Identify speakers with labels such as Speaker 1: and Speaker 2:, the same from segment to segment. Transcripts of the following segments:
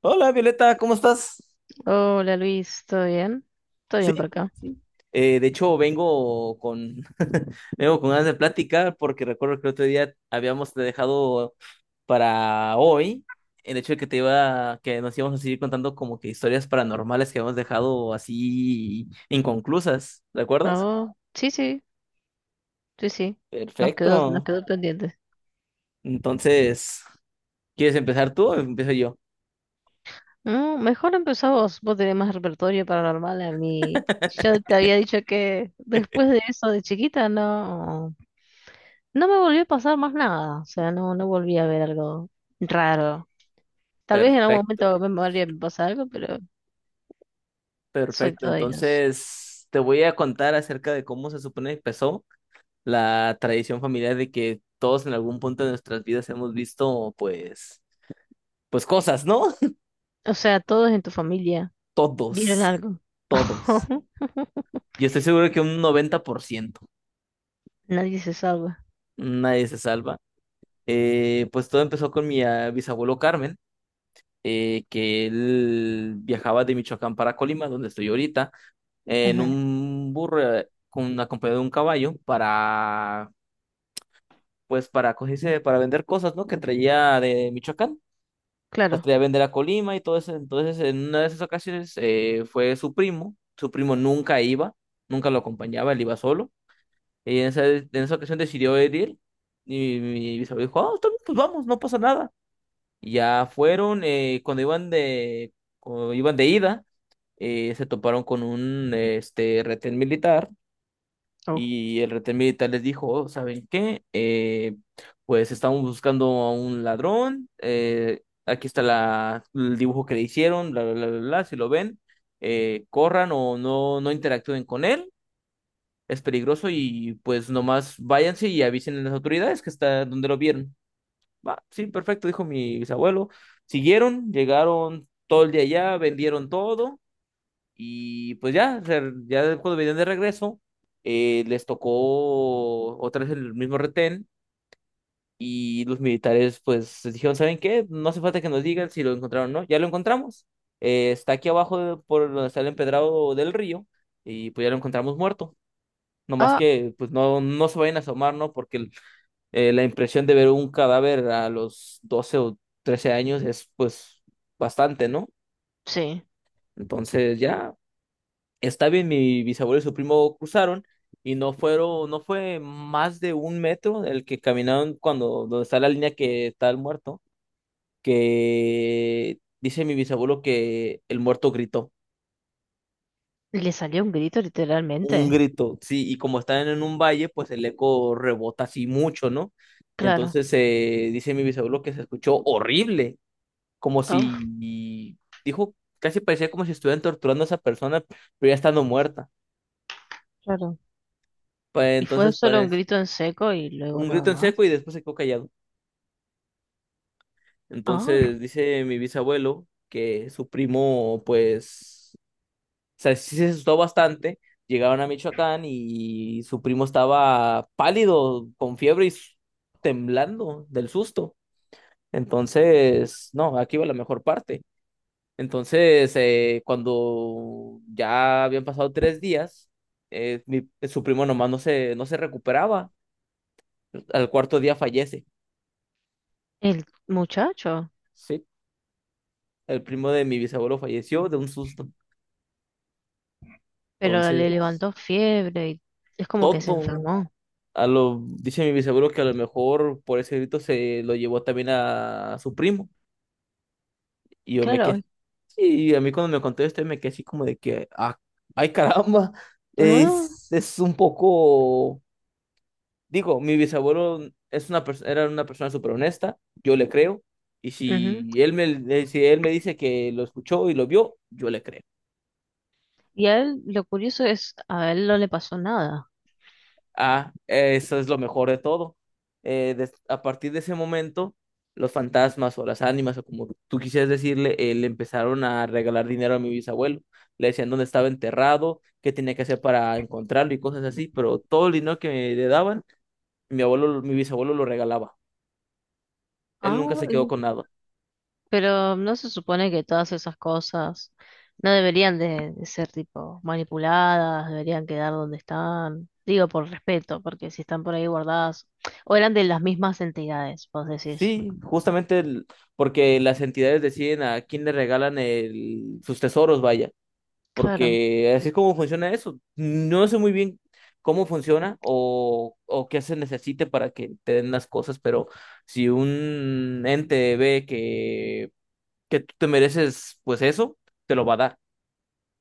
Speaker 1: Hola Violeta, ¿cómo estás?
Speaker 2: Hola Luis, ¿todo bien? ¿Todo
Speaker 1: Sí,
Speaker 2: bien por acá?
Speaker 1: sí. De hecho, vengo con vengo con ganas de platicar porque recuerdo que el otro día habíamos dejado para hoy el hecho de que nos íbamos a seguir contando como que historias paranormales que habíamos dejado así inconclusas,
Speaker 2: ¿A
Speaker 1: ¿recuerdas?
Speaker 2: vos? Sí, sí, sí, sí. Nos quedó, nos
Speaker 1: Perfecto.
Speaker 2: quedó pendiente.
Speaker 1: Entonces, ¿quieres empezar tú o empiezo yo?
Speaker 2: Mejor empezá vos, vos tenés más repertorio paranormal a mí. Yo te había dicho que después de eso de chiquita no me volvió a pasar más nada. O sea, no volví a ver algo raro. Tal vez en algún momento
Speaker 1: Perfecto,
Speaker 2: me volvía a pasar algo, pero soy
Speaker 1: perfecto.
Speaker 2: todo ellos.
Speaker 1: Entonces, te voy a contar acerca de cómo se supone que empezó la tradición familiar de que todos en algún punto de nuestras vidas hemos visto, pues cosas, ¿no?
Speaker 2: O sea, todos en tu familia vieron
Speaker 1: Todos,
Speaker 2: algo.
Speaker 1: todos. Y estoy seguro que un 90%,
Speaker 2: Nadie se salva.
Speaker 1: nadie se salva. Pues todo empezó con mi bisabuelo Carmen, que él viajaba de Michoacán para Colima, donde estoy ahorita, en
Speaker 2: Ujú.
Speaker 1: un burro, con acompañado de un caballo para, pues, para vender cosas, ¿no? Que traía de Michoacán. Las
Speaker 2: Claro.
Speaker 1: traía a vender a Colima y todo eso. Entonces, en una de esas ocasiones fue su primo. Su primo nunca iba, nunca lo acompañaba, él iba solo. Y en esa ocasión decidió ir él. Y mi bisabuelo dijo, ah, está bien, pues vamos, no pasa nada. Y ya fueron. Cuando iban de ida, se toparon con un retén militar, y el retén militar les dijo: "Oh, ¿saben qué? Pues estamos buscando a un ladrón, aquí está el dibujo que le hicieron, bla, bla, bla, bla, bla. Si lo ven, corran, o no, no interactúen con él, es peligroso, y pues nomás váyanse y avisen a las autoridades que está donde lo vieron". Va, sí, perfecto, dijo mi bisabuelo. Siguieron, llegaron todo el día allá, vendieron todo, y pues ya, o sea, ya cuando venían de regreso, les tocó otra vez el mismo retén, y los militares pues les dijeron: ¿saben qué? No hace falta que nos digan si lo encontraron o no, ya lo encontramos. Está aquí abajo por donde está el empedrado del río, y pues ya lo encontramos muerto. No más
Speaker 2: Ah,
Speaker 1: que pues no se vayan a asomar, ¿no? La impresión de ver un cadáver a los 12 o 13 años es pues bastante, ¿no?
Speaker 2: sí.
Speaker 1: Entonces ya. Está bien, mi bisabuelo y su primo cruzaron, y no fue más de 1 metro el que caminaron cuando, donde está la línea que está el muerto, que dice mi bisabuelo que el muerto gritó,
Speaker 2: Le salió un grito
Speaker 1: un
Speaker 2: literalmente.
Speaker 1: grito, sí, y como están en un valle, pues el eco rebota así mucho, ¿no?
Speaker 2: Claro.
Speaker 1: Entonces dice mi bisabuelo que se escuchó horrible, como
Speaker 2: Ah,
Speaker 1: si, dijo, casi parecía como si estuvieran torturando a esa persona, pero ya estando muerta.
Speaker 2: claro.
Speaker 1: Pues,
Speaker 2: Y fue
Speaker 1: entonces
Speaker 2: solo un
Speaker 1: parece
Speaker 2: grito en seco y luego
Speaker 1: un
Speaker 2: nada
Speaker 1: grito en
Speaker 2: más.
Speaker 1: seco y después se quedó callado.
Speaker 2: Ah,
Speaker 1: Entonces dice mi bisabuelo que su primo, pues, o sea, sí se asustó bastante. Llegaron a Michoacán y su primo estaba pálido, con fiebre y temblando del susto. Entonces, no, aquí va la mejor parte. Entonces, cuando ya habían pasado 3 días, su primo nomás no se recuperaba. Al cuarto día fallece.
Speaker 2: el muchacho.
Speaker 1: Sí. El primo de mi bisabuelo falleció de un susto.
Speaker 2: Pero le
Speaker 1: Entonces,
Speaker 2: levantó fiebre y es como que se
Speaker 1: todo.
Speaker 2: enfermó.
Speaker 1: Dice mi bisabuelo que a lo mejor por ese grito se lo llevó también a su primo. Y yo me
Speaker 2: Claro.
Speaker 1: quedé. Y a mí, cuando me contó esto, me quedé así como de que, ah, ay caramba,
Speaker 2: Ah,
Speaker 1: es un poco, digo, mi bisabuelo es una era una persona súper honesta, yo le creo, y
Speaker 2: ujú.
Speaker 1: si él me dice que lo escuchó y lo vio, yo le creo.
Speaker 2: Y a él, lo curioso es, a él no le pasó nada.
Speaker 1: Ah, eso es lo mejor de todo. A partir de ese momento, los fantasmas o las ánimas, o como tú quisieras decirle, le empezaron a regalar dinero a mi bisabuelo. Le decían dónde estaba enterrado, qué tenía que hacer para encontrarlo y cosas así, pero todo el dinero que le daban, mi bisabuelo lo regalaba. Él nunca
Speaker 2: Ah,
Speaker 1: se quedó con nada.
Speaker 2: pero no se supone que todas esas cosas no deberían de ser tipo manipuladas, deberían quedar donde están. Digo por respeto, porque si están por ahí guardadas, o eran de las mismas entidades, vos decís.
Speaker 1: Sí, justamente porque las entidades deciden a quién le regalan sus tesoros, vaya.
Speaker 2: Claro.
Speaker 1: Porque así es como funciona eso. No sé muy bien cómo funciona, o qué se necesite para que te den las cosas, pero si un ente ve que tú te mereces, pues eso, te lo va a dar.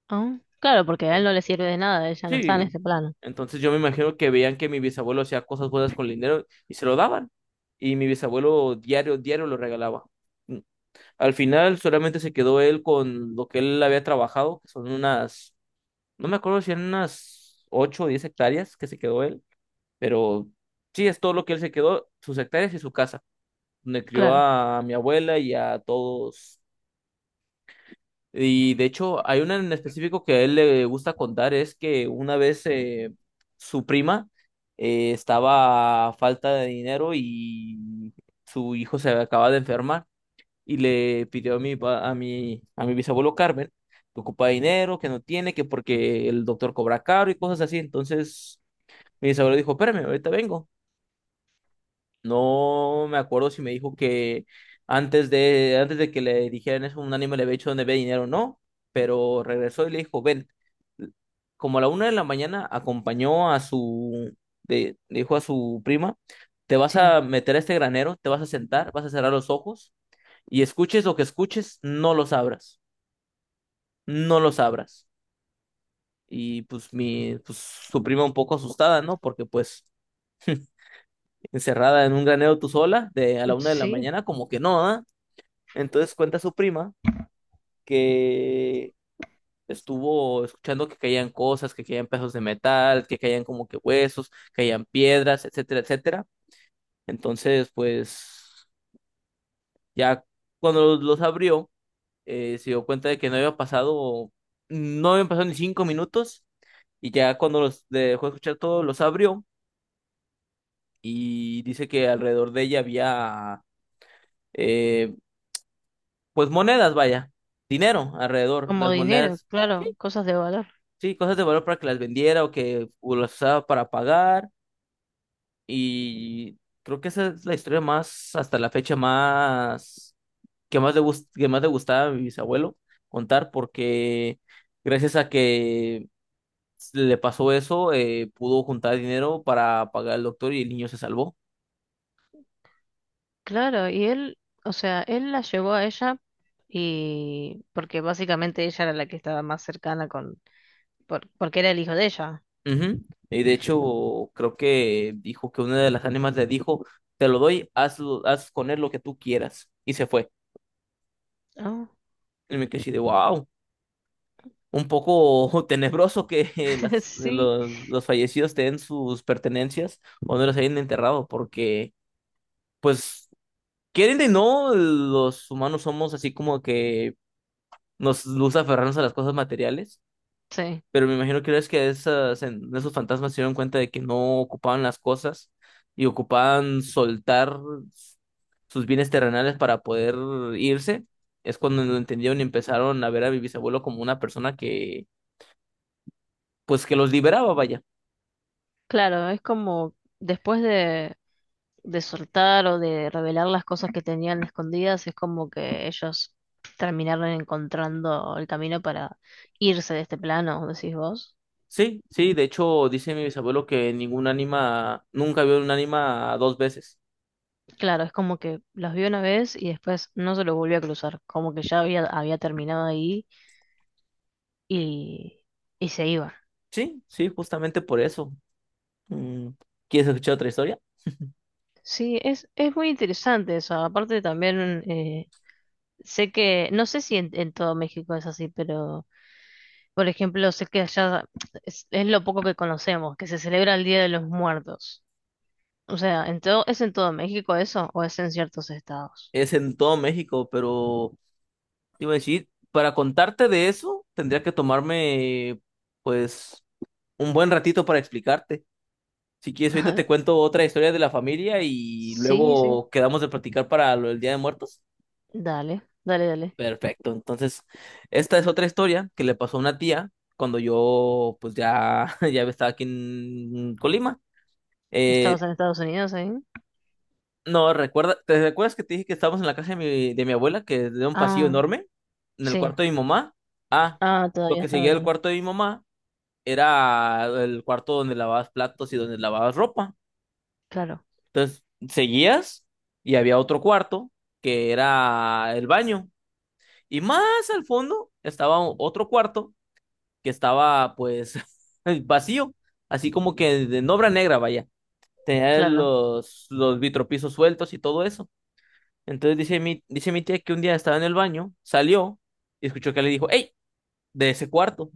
Speaker 2: Ah, claro, porque a él no le sirve de nada, ella no está en
Speaker 1: Sí.
Speaker 2: este plano.
Speaker 1: Entonces, yo me imagino que veían que mi bisabuelo hacía cosas buenas con el dinero y se lo daban. Y mi bisabuelo diario, diario lo regalaba. Mm. Al final solamente se quedó él con lo que él había trabajado, que son unas, no me acuerdo si eran unas 8 o 10 hectáreas, que se quedó él, pero sí, es todo lo que él se quedó, sus hectáreas y su casa, donde crió
Speaker 2: Claro,
Speaker 1: a mi abuela y a todos. Y de hecho, hay una en específico que a él le gusta contar. Es que una vez su prima estaba a falta de dinero y su hijo se acaba de enfermar, y le pidió a mi, pa- a mi bisabuelo Carmen que ocupa dinero, que no tiene, que porque el doctor cobra caro y cosas así. Entonces mi bisabuelo dijo, espérame, ahorita vengo. No me acuerdo si me dijo que antes de que le dijeran eso, un ánimo le había hecho donde ve dinero o no, pero regresó y le dijo, ven, como a la 1 de la mañana acompañó a su, de- dijo a su prima, te vas
Speaker 2: sí,
Speaker 1: a meter a este granero, te vas a sentar, vas a cerrar los ojos, y escuches lo que escuches, no los abras, no los abras. Y pues su prima un poco asustada, ¿no? Porque pues encerrada en un granero tú sola, de a la una de la
Speaker 2: sí,
Speaker 1: mañana, como que no, ¿ah? Entonces cuenta su prima que estuvo escuchando que caían cosas, que caían pedazos de metal, que caían como que huesos, caían piedras, etcétera, etcétera. Entonces, pues ya cuando los abrió, se dio cuenta de que no habían pasado ni 5 minutos. Y ya cuando los dejó de escuchar todo, los abrió, y dice que alrededor de ella había, eh, pues, monedas, vaya, dinero alrededor,
Speaker 2: como
Speaker 1: las
Speaker 2: dinero,
Speaker 1: monedas,
Speaker 2: claro, cosas de valor.
Speaker 1: sí, cosas de valor para que las vendiera, o que o las usaba para pagar. Y creo que esa es la historia más, hasta la fecha más, que más le gustaba a mi bisabuelo contar, porque gracias a que le pasó eso, pudo juntar dinero para pagar al doctor y el niño se salvó.
Speaker 2: Claro, y él, o sea, él la llevó a ella y porque básicamente ella era la que estaba más cercana con, porque era el hijo de ella.
Speaker 1: Ujú. Y de hecho, creo que dijo que una de las ánimas le dijo, te lo doy, haz con él lo que tú quieras. Y se fue.
Speaker 2: Ah,
Speaker 1: Y me quedé así de, wow, un poco tenebroso que las,
Speaker 2: sí,
Speaker 1: los, los fallecidos tengan sus pertenencias, o no los hayan enterrado, porque, pues, quieren de no, los humanos somos así como que nos gusta aferrarnos a las cosas materiales.
Speaker 2: sí.
Speaker 1: Pero me imagino que es que esos fantasmas se dieron cuenta de que no ocupaban las cosas, y ocupaban soltar sus bienes terrenales para poder irse. Es cuando lo entendieron y empezaron a ver a mi bisabuelo como una persona que, pues, que los liberaba, vaya.
Speaker 2: Claro, es como después de soltar o de revelar las cosas que tenían escondidas, es como que ellos terminaron encontrando el camino para irse de este plano, decís vos.
Speaker 1: Sí, sí, de hecho dice mi bisabuelo que ningún ánima, nunca vio un ánima dos veces.
Speaker 2: Claro, es como que los vio una vez y después no se los volvió a cruzar, como que ya había, había terminado ahí y, y se iba.
Speaker 1: Sí, sí, justamente por eso. Mm, ¿Quieres escuchar otra historia?
Speaker 2: Sí, es muy interesante eso. Aparte también eh, sé que, no sé si en todo México es así, pero... Por ejemplo, sé que allá es lo poco que conocemos, que se celebra el Día de los Muertos. O sea, en todo, ¿es en todo México eso o es en ciertos estados?
Speaker 1: Es en todo México, pero te iba a decir, para contarte de eso, tendría que tomarme, pues, un buen ratito para explicarte. Si quieres, ahorita te cuento otra historia de la familia y
Speaker 2: Sí, sí.
Speaker 1: luego quedamos de platicar para lo del Día de Muertos.
Speaker 2: Dale, dale, dale.
Speaker 1: Perfecto. Entonces, esta es otra historia que le pasó a una tía cuando yo, pues, ya estaba aquí en Colima. Eh,
Speaker 2: ¿Estabas en Estados Unidos ahí?
Speaker 1: no, ¿te recuerdas que te dije que estábamos en la casa de mi abuela, que es de un pasillo
Speaker 2: Ah,
Speaker 1: enorme, en el
Speaker 2: sí.
Speaker 1: cuarto de mi mamá? Ah,
Speaker 2: Ah,
Speaker 1: lo
Speaker 2: todavía
Speaker 1: que seguía
Speaker 2: estaban
Speaker 1: del
Speaker 2: ahí.
Speaker 1: cuarto de mi mamá era el cuarto donde lavabas platos y donde lavabas ropa.
Speaker 2: Claro,
Speaker 1: Entonces, seguías y había otro cuarto que era el baño. Y más al fondo estaba otro cuarto que estaba pues vacío, así como que de en obra negra, vaya. Tenía
Speaker 2: claro.
Speaker 1: los vitropisos sueltos y todo eso. Entonces dice mi tía que un día estaba en el baño, salió y escuchó que le dijo, ¡Ey! De ese cuarto.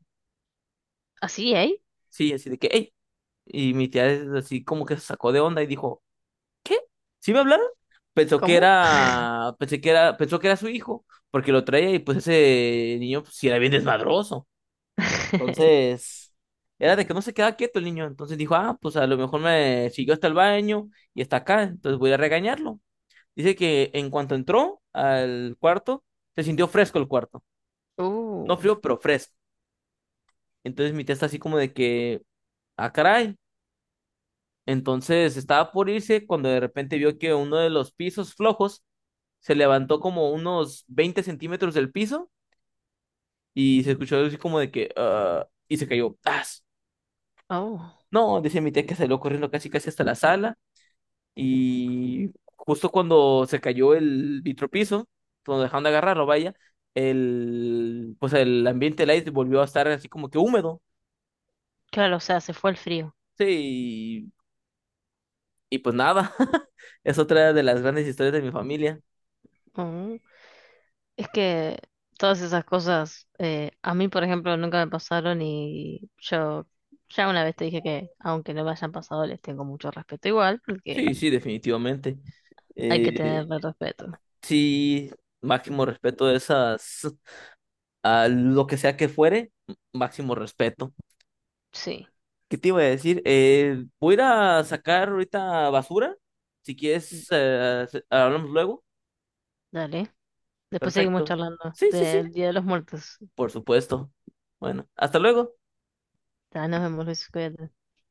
Speaker 2: ¿Así, ahí?
Speaker 1: Sí, así de que, ¡Ey! Y mi tía es así como que se sacó de onda y dijo, ¿sí me hablaron?
Speaker 2: ¿Cómo?
Speaker 1: Pensó que era su hijo, porque lo traía y pues ese niño pues, sí era bien desmadroso. Entonces, era de que no se quedaba quieto el niño. Entonces dijo, ah, pues a lo mejor me siguió hasta el baño y está acá, entonces voy a regañarlo. Dice que en cuanto entró al cuarto, se sintió fresco el cuarto.
Speaker 2: Uh,
Speaker 1: No frío, pero fresco. Entonces mi tía está así como de que, ah, caray. Entonces estaba por irse, cuando de repente vio que uno de los pisos flojos se levantó como unos 20 centímetros del piso, y se escuchó algo así como de que, ah, y se cayó. ¡Tas!
Speaker 2: oh.
Speaker 1: No, dice mi tía que salió corriendo casi casi hasta la sala, y justo cuando se cayó el vitropiso, cuando dejaron de agarrarlo, vaya, pues el ambiente del aire volvió a estar así como que húmedo.
Speaker 2: Claro, o sea, se fue el frío.
Speaker 1: Sí, y pues nada, es otra de las grandes historias de mi familia.
Speaker 2: Es que todas esas cosas, a mí, por ejemplo, nunca me pasaron y yo ya una vez te dije que, aunque no me hayan pasado, les tengo mucho respeto igual, porque
Speaker 1: Sí, sí, definitivamente.
Speaker 2: hay que
Speaker 1: Eh,
Speaker 2: tenerle respeto.
Speaker 1: sí, máximo respeto de esas, a lo que sea que fuere, máximo respeto.
Speaker 2: Sí,
Speaker 1: ¿Qué te iba a decir? Voy a ir a sacar ahorita basura. Si quieres, hablamos luego.
Speaker 2: dale. Después seguimos
Speaker 1: Perfecto.
Speaker 2: charlando
Speaker 1: Sí, sí, sí,
Speaker 2: del Día de los Muertos.
Speaker 1: por supuesto. Bueno, hasta luego.
Speaker 2: Ya, nos vemos, Luis, cuídate.